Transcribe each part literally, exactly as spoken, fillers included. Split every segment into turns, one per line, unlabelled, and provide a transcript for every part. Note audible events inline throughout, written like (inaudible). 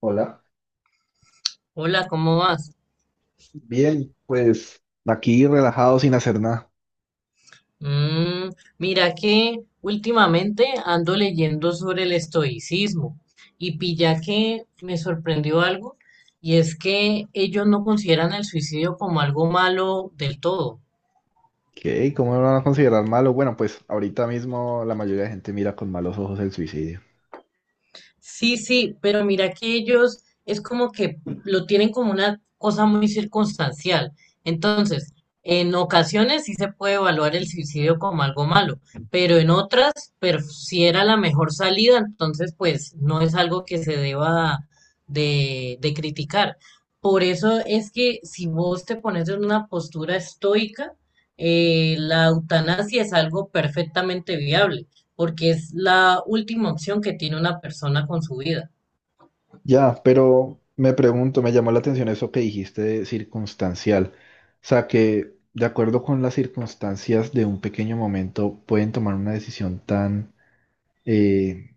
Hola.
Hola, ¿cómo vas?
Bien, pues aquí relajado sin hacer nada.
Mm, Mira que últimamente ando leyendo sobre el estoicismo y pilla que me sorprendió algo y es que ellos no consideran el suicidio como algo malo del todo.
¿Qué? ¿Cómo lo van a considerar malo? Bueno, pues ahorita mismo la mayoría de gente mira con malos ojos el suicidio.
Sí, sí, pero mira que ellos es como que lo tienen como una cosa muy circunstancial. Entonces, en ocasiones sí se puede evaluar el suicidio como algo malo, pero en otras, pero si era la mejor salida, entonces pues no es algo que se deba de, de criticar. Por eso es que si vos te pones en una postura estoica, eh, la eutanasia es algo perfectamente viable porque es la última opción que tiene una persona con su vida.
Ya, pero me pregunto, me llamó la atención eso que dijiste de circunstancial. O sea, que de acuerdo con las circunstancias de un pequeño momento pueden tomar una decisión tan, eh,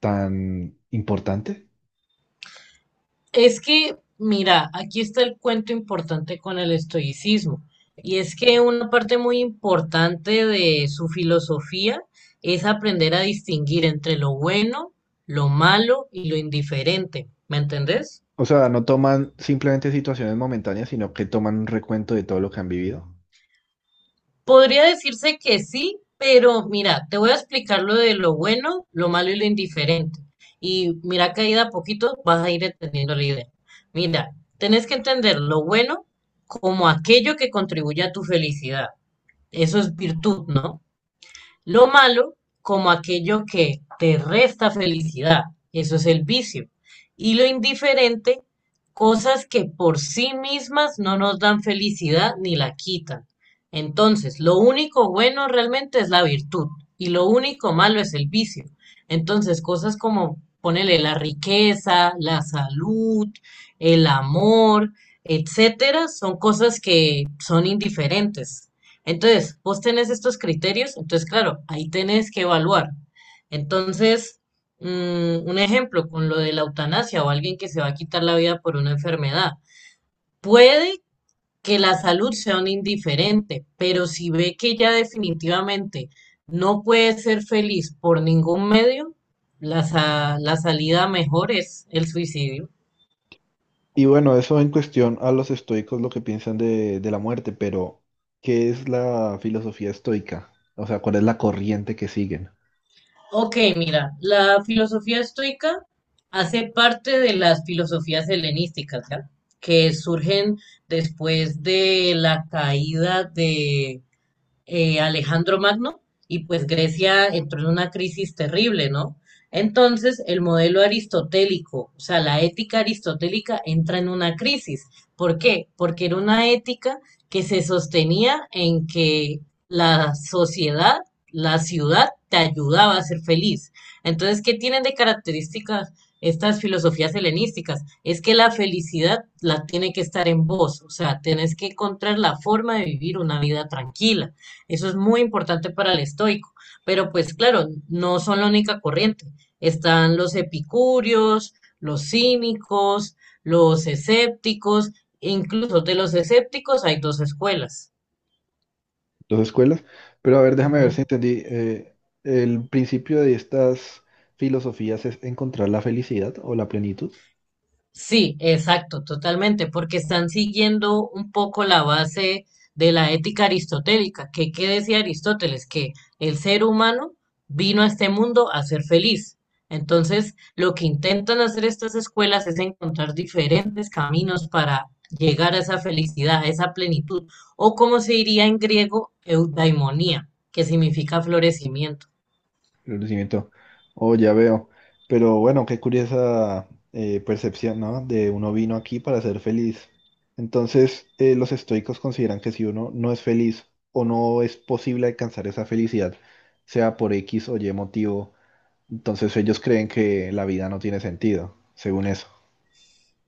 tan importante.
Es que, mira, aquí está el cuento importante con el estoicismo, y es que una parte muy importante de su filosofía es aprender a distinguir entre lo bueno, lo malo y lo indiferente, ¿me entendés?
O sea, no toman simplemente situaciones momentáneas, sino que toman un recuento de todo lo que han vivido.
Podría decirse que sí, pero mira, te voy a explicar lo de lo bueno, lo malo y lo indiferente. Y mira que ahí de a poquito vas a ir entendiendo la idea. Mira, tenés que entender lo bueno como aquello que contribuye a tu felicidad. Eso es virtud, ¿no? Lo malo como aquello que te resta felicidad, eso es el vicio. Y lo indiferente, cosas que por sí mismas no nos dan felicidad ni la quitan. Entonces, lo único bueno realmente es la virtud y lo único malo es el vicio. Entonces, cosas como ponele la riqueza, la salud, el amor, etcétera, son cosas que son indiferentes. Entonces, vos tenés estos criterios, entonces, claro, ahí tenés que evaluar. Entonces, mm, un ejemplo con lo de la eutanasia o alguien que se va a quitar la vida por una enfermedad. Puede que la salud sea un indiferente, pero si ve que ya definitivamente no puede ser feliz por ningún medio, la, sa- la salida mejor es el suicidio.
Y bueno, eso en cuestión a los estoicos lo que piensan de, de la muerte, pero ¿qué es la filosofía estoica? O sea, ¿cuál es la corriente que siguen?
Ok, mira, la filosofía estoica hace parte de las filosofías helenísticas, ¿ya? Que surgen después de la caída de, eh, Alejandro Magno y pues Grecia entró en una crisis terrible, ¿no? Entonces el modelo aristotélico, o sea, la ética aristotélica entra en una crisis. ¿Por qué? Porque era una ética que se sostenía en que la sociedad, la ciudad te ayudaba a ser feliz. Entonces, ¿qué tienen de características estas filosofías helenísticas? Es que la felicidad la tiene que estar en vos, o sea, tenés que encontrar la forma de vivir una vida tranquila. Eso es muy importante para el estoico, pero pues claro, no son la única corriente. Están los epicúreos, los cínicos, los escépticos, e incluso de los escépticos hay dos escuelas.
Dos escuelas. Pero a ver, déjame ver si
Ujú.
entendí. Eh, el principio de estas filosofías es encontrar la felicidad o la plenitud.
Sí, exacto, totalmente, porque están siguiendo un poco la base de la ética aristotélica, que qué decía Aristóteles, que el ser humano vino a este mundo a ser feliz. Entonces, lo que intentan hacer estas escuelas es encontrar diferentes caminos para llegar a esa felicidad, a esa plenitud, o como se diría en griego, eudaimonía, que significa florecimiento.
Reconocimiento. Oh, ya veo. Pero bueno, qué curiosa eh, percepción, ¿no? De uno vino aquí para ser feliz. Entonces, eh, los estoicos consideran que si uno no es feliz o no es posible alcanzar esa felicidad, sea por X o Y motivo, entonces ellos creen que la vida no tiene sentido, según eso.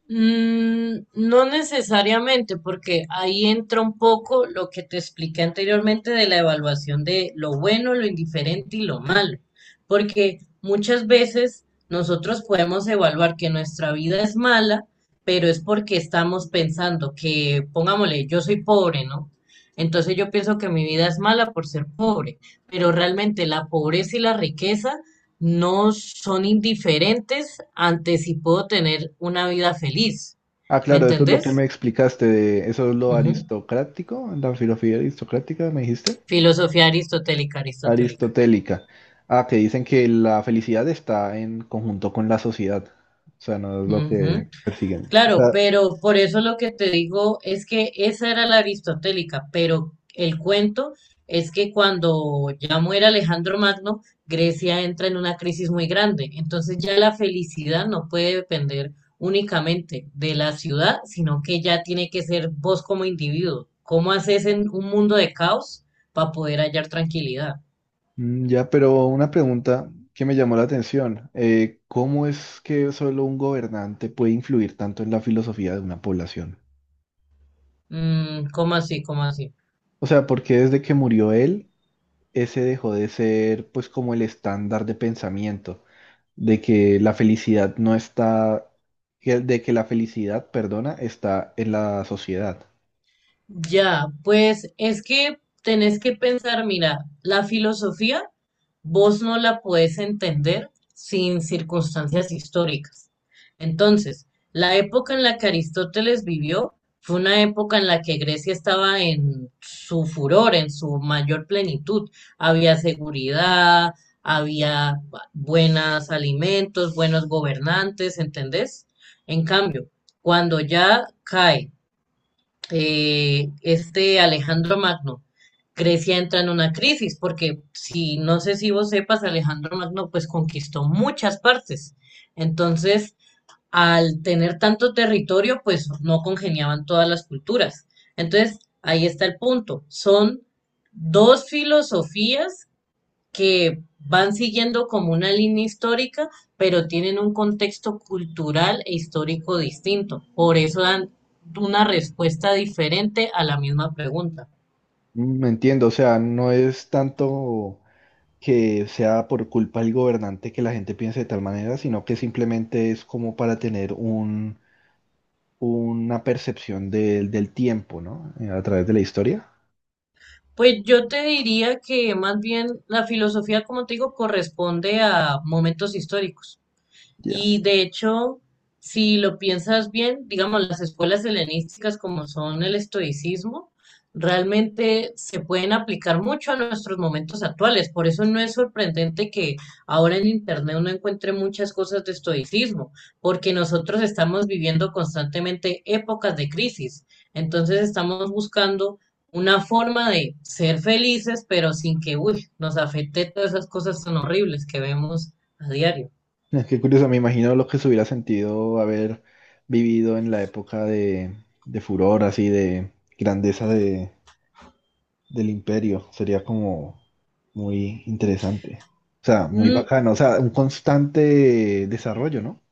Mm, no necesariamente, porque ahí entra un poco lo que te expliqué anteriormente de la evaluación de lo bueno, lo indiferente y lo malo, porque muchas veces nosotros podemos evaluar que nuestra vida es mala, pero es porque estamos pensando que, pongámosle, yo soy pobre, ¿no? Entonces yo pienso que mi vida es mala por ser pobre, pero realmente la pobreza y la riqueza no son indiferentes ante si puedo tener una vida feliz.
Ah,
¿Me
claro, esto es Mm, lo que claro.
entendés?
me explicaste de eso es lo
Ujú.
aristocrático, la filosofía aristocrática, me dijiste.
Filosofía aristotélica, aristotélica.
Aristotélica. Ah, que dicen que la felicidad está en conjunto con la sociedad. O sea, no es lo que
Ujú.
persiguen. O
Claro,
sea,
pero por eso lo que te digo es que esa era la aristotélica, pero el cuento es que cuando ya muere Alejandro Magno, Grecia entra en una crisis muy grande. Entonces ya la felicidad no puede depender únicamente de la ciudad, sino que ya tiene que ser vos como individuo. ¿Cómo haces en un mundo de caos para poder hallar tranquilidad?
mm, ya, pero una pregunta que me llamó la atención. Eh, ¿cómo es que solo un gobernante puede influir tanto en la filosofía de una población?
Mm, ¿cómo así? ¿Cómo así?
O sea, ¿por qué desde que murió él, ese dejó de ser pues como el estándar de pensamiento? De que la felicidad no está, que- de que la felicidad, perdona, está en la sociedad.
Ya, pues es que tenés que pensar, mira, la filosofía vos no la podés entender sin circunstancias históricas. Entonces, la época en la que Aristóteles vivió fue una época en la que Grecia estaba en su furor, en su mayor plenitud. Había seguridad, había buenos alimentos, buenos gobernantes, ¿entendés? En cambio, cuando ya cae eh, este Alejandro Magno, Grecia entra en una crisis, porque si no sé si vos sepas, Alejandro Magno pues conquistó muchas partes. Entonces, al tener tanto territorio, pues no congeniaban todas las culturas. Entonces, ahí está el punto. Son dos filosofías que van siguiendo como una línea histórica, pero tienen un contexto cultural e histórico distinto. Por eso dan una respuesta diferente a la misma pregunta.
Mm, entiendo, o sea, no es tanto que sea por culpa del gobernante que la gente piense de tal manera, sino que simplemente es como para tener un, una percepción del del tiempo, ¿no? Eh, a través de la historia.
Pues yo te diría que más bien la filosofía, como te digo, corresponde a momentos históricos.
Ya.
Y de hecho, si lo piensas bien, digamos, las escuelas helenísticas como son el estoicismo, realmente se pueden aplicar mucho a nuestros momentos actuales. Por eso no es sorprendente que ahora en Internet uno encuentre muchas cosas de estoicismo, porque nosotros estamos viviendo constantemente épocas de crisis. Entonces estamos buscando una forma de ser felices, pero sin que, uy, nos afecte todas esas cosas tan horribles que vemos a diario.
(laughs) Es que curioso, me imagino lo que se hubiera sentido haber vivido en la época de, de furor, así de grandeza de, del imperio. Sería como muy interesante. O sea, muy
Mm,
bacano. O sea, un constante desarrollo, ¿no?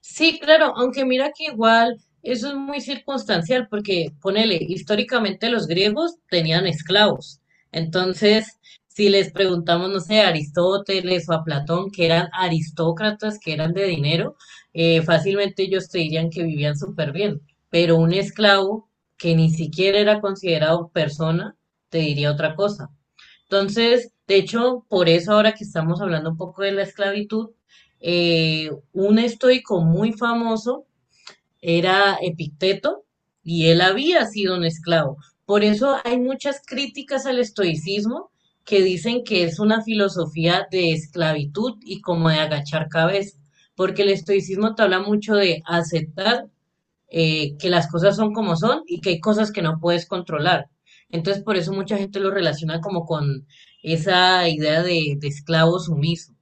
sí, claro, aunque mira que igual eso es muy circunstancial porque, ponele, históricamente los griegos tenían esclavos. Entonces, si les preguntamos, no sé, a Aristóteles o a Platón, que eran aristócratas, que eran de dinero, eh, fácilmente ellos te dirían que vivían súper bien. Pero un esclavo que ni siquiera era considerado persona, te diría otra cosa. Entonces, de hecho, por eso ahora que estamos hablando un poco de la esclavitud, eh, un estoico muy famoso era Epicteto y él había sido un esclavo. Por eso hay muchas críticas al estoicismo que dicen que es una filosofía de esclavitud y como de agachar cabeza, porque el estoicismo te habla mucho de aceptar eh, que las cosas son como son y que hay cosas que no puedes controlar. Entonces, por eso mucha gente lo relaciona como con esa idea de, de esclavo sumiso.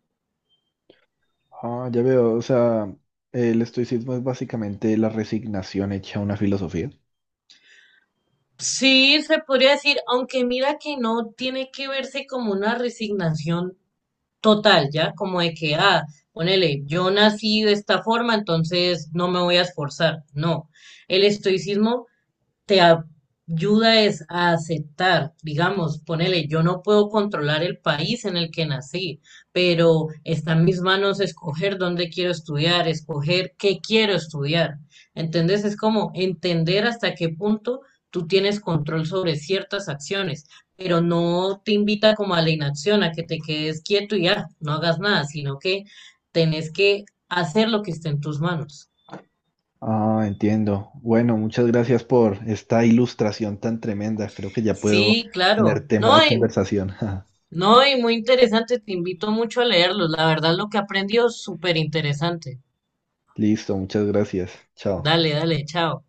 Ah, ya veo, o sea, el estoicismo es básicamente la resignación hecha una filosofía.
Sí, se podría decir, aunque mira que no tiene que verse como una resignación total, ¿ya? Como de que, ah, ponele, yo nací de esta forma, entonces no me voy a esforzar. No, el estoicismo te ayuda es a aceptar, digamos, ponele, yo no puedo controlar el país en el que nací, pero está en mis manos escoger dónde quiero estudiar, escoger qué quiero estudiar. ¿Entendés? Es como entender hasta qué punto tú tienes control sobre ciertas acciones, pero no te invita como a la inacción, a que te quedes quieto y ya, no hagas nada, sino que tenés que hacer lo que esté en tus manos.
Ah, entiendo. Bueno, muchas gracias por esta ilustración tan tremenda. Creo que ya puedo
Sí, claro.
tener tema
No,
de
y
conversación. (laughs)
No, y muy interesante, te invito mucho a leerlos. La verdad, lo que aprendió es súper interesante.
Listo, muchas gracias. Chao.
Dale, dale, chao.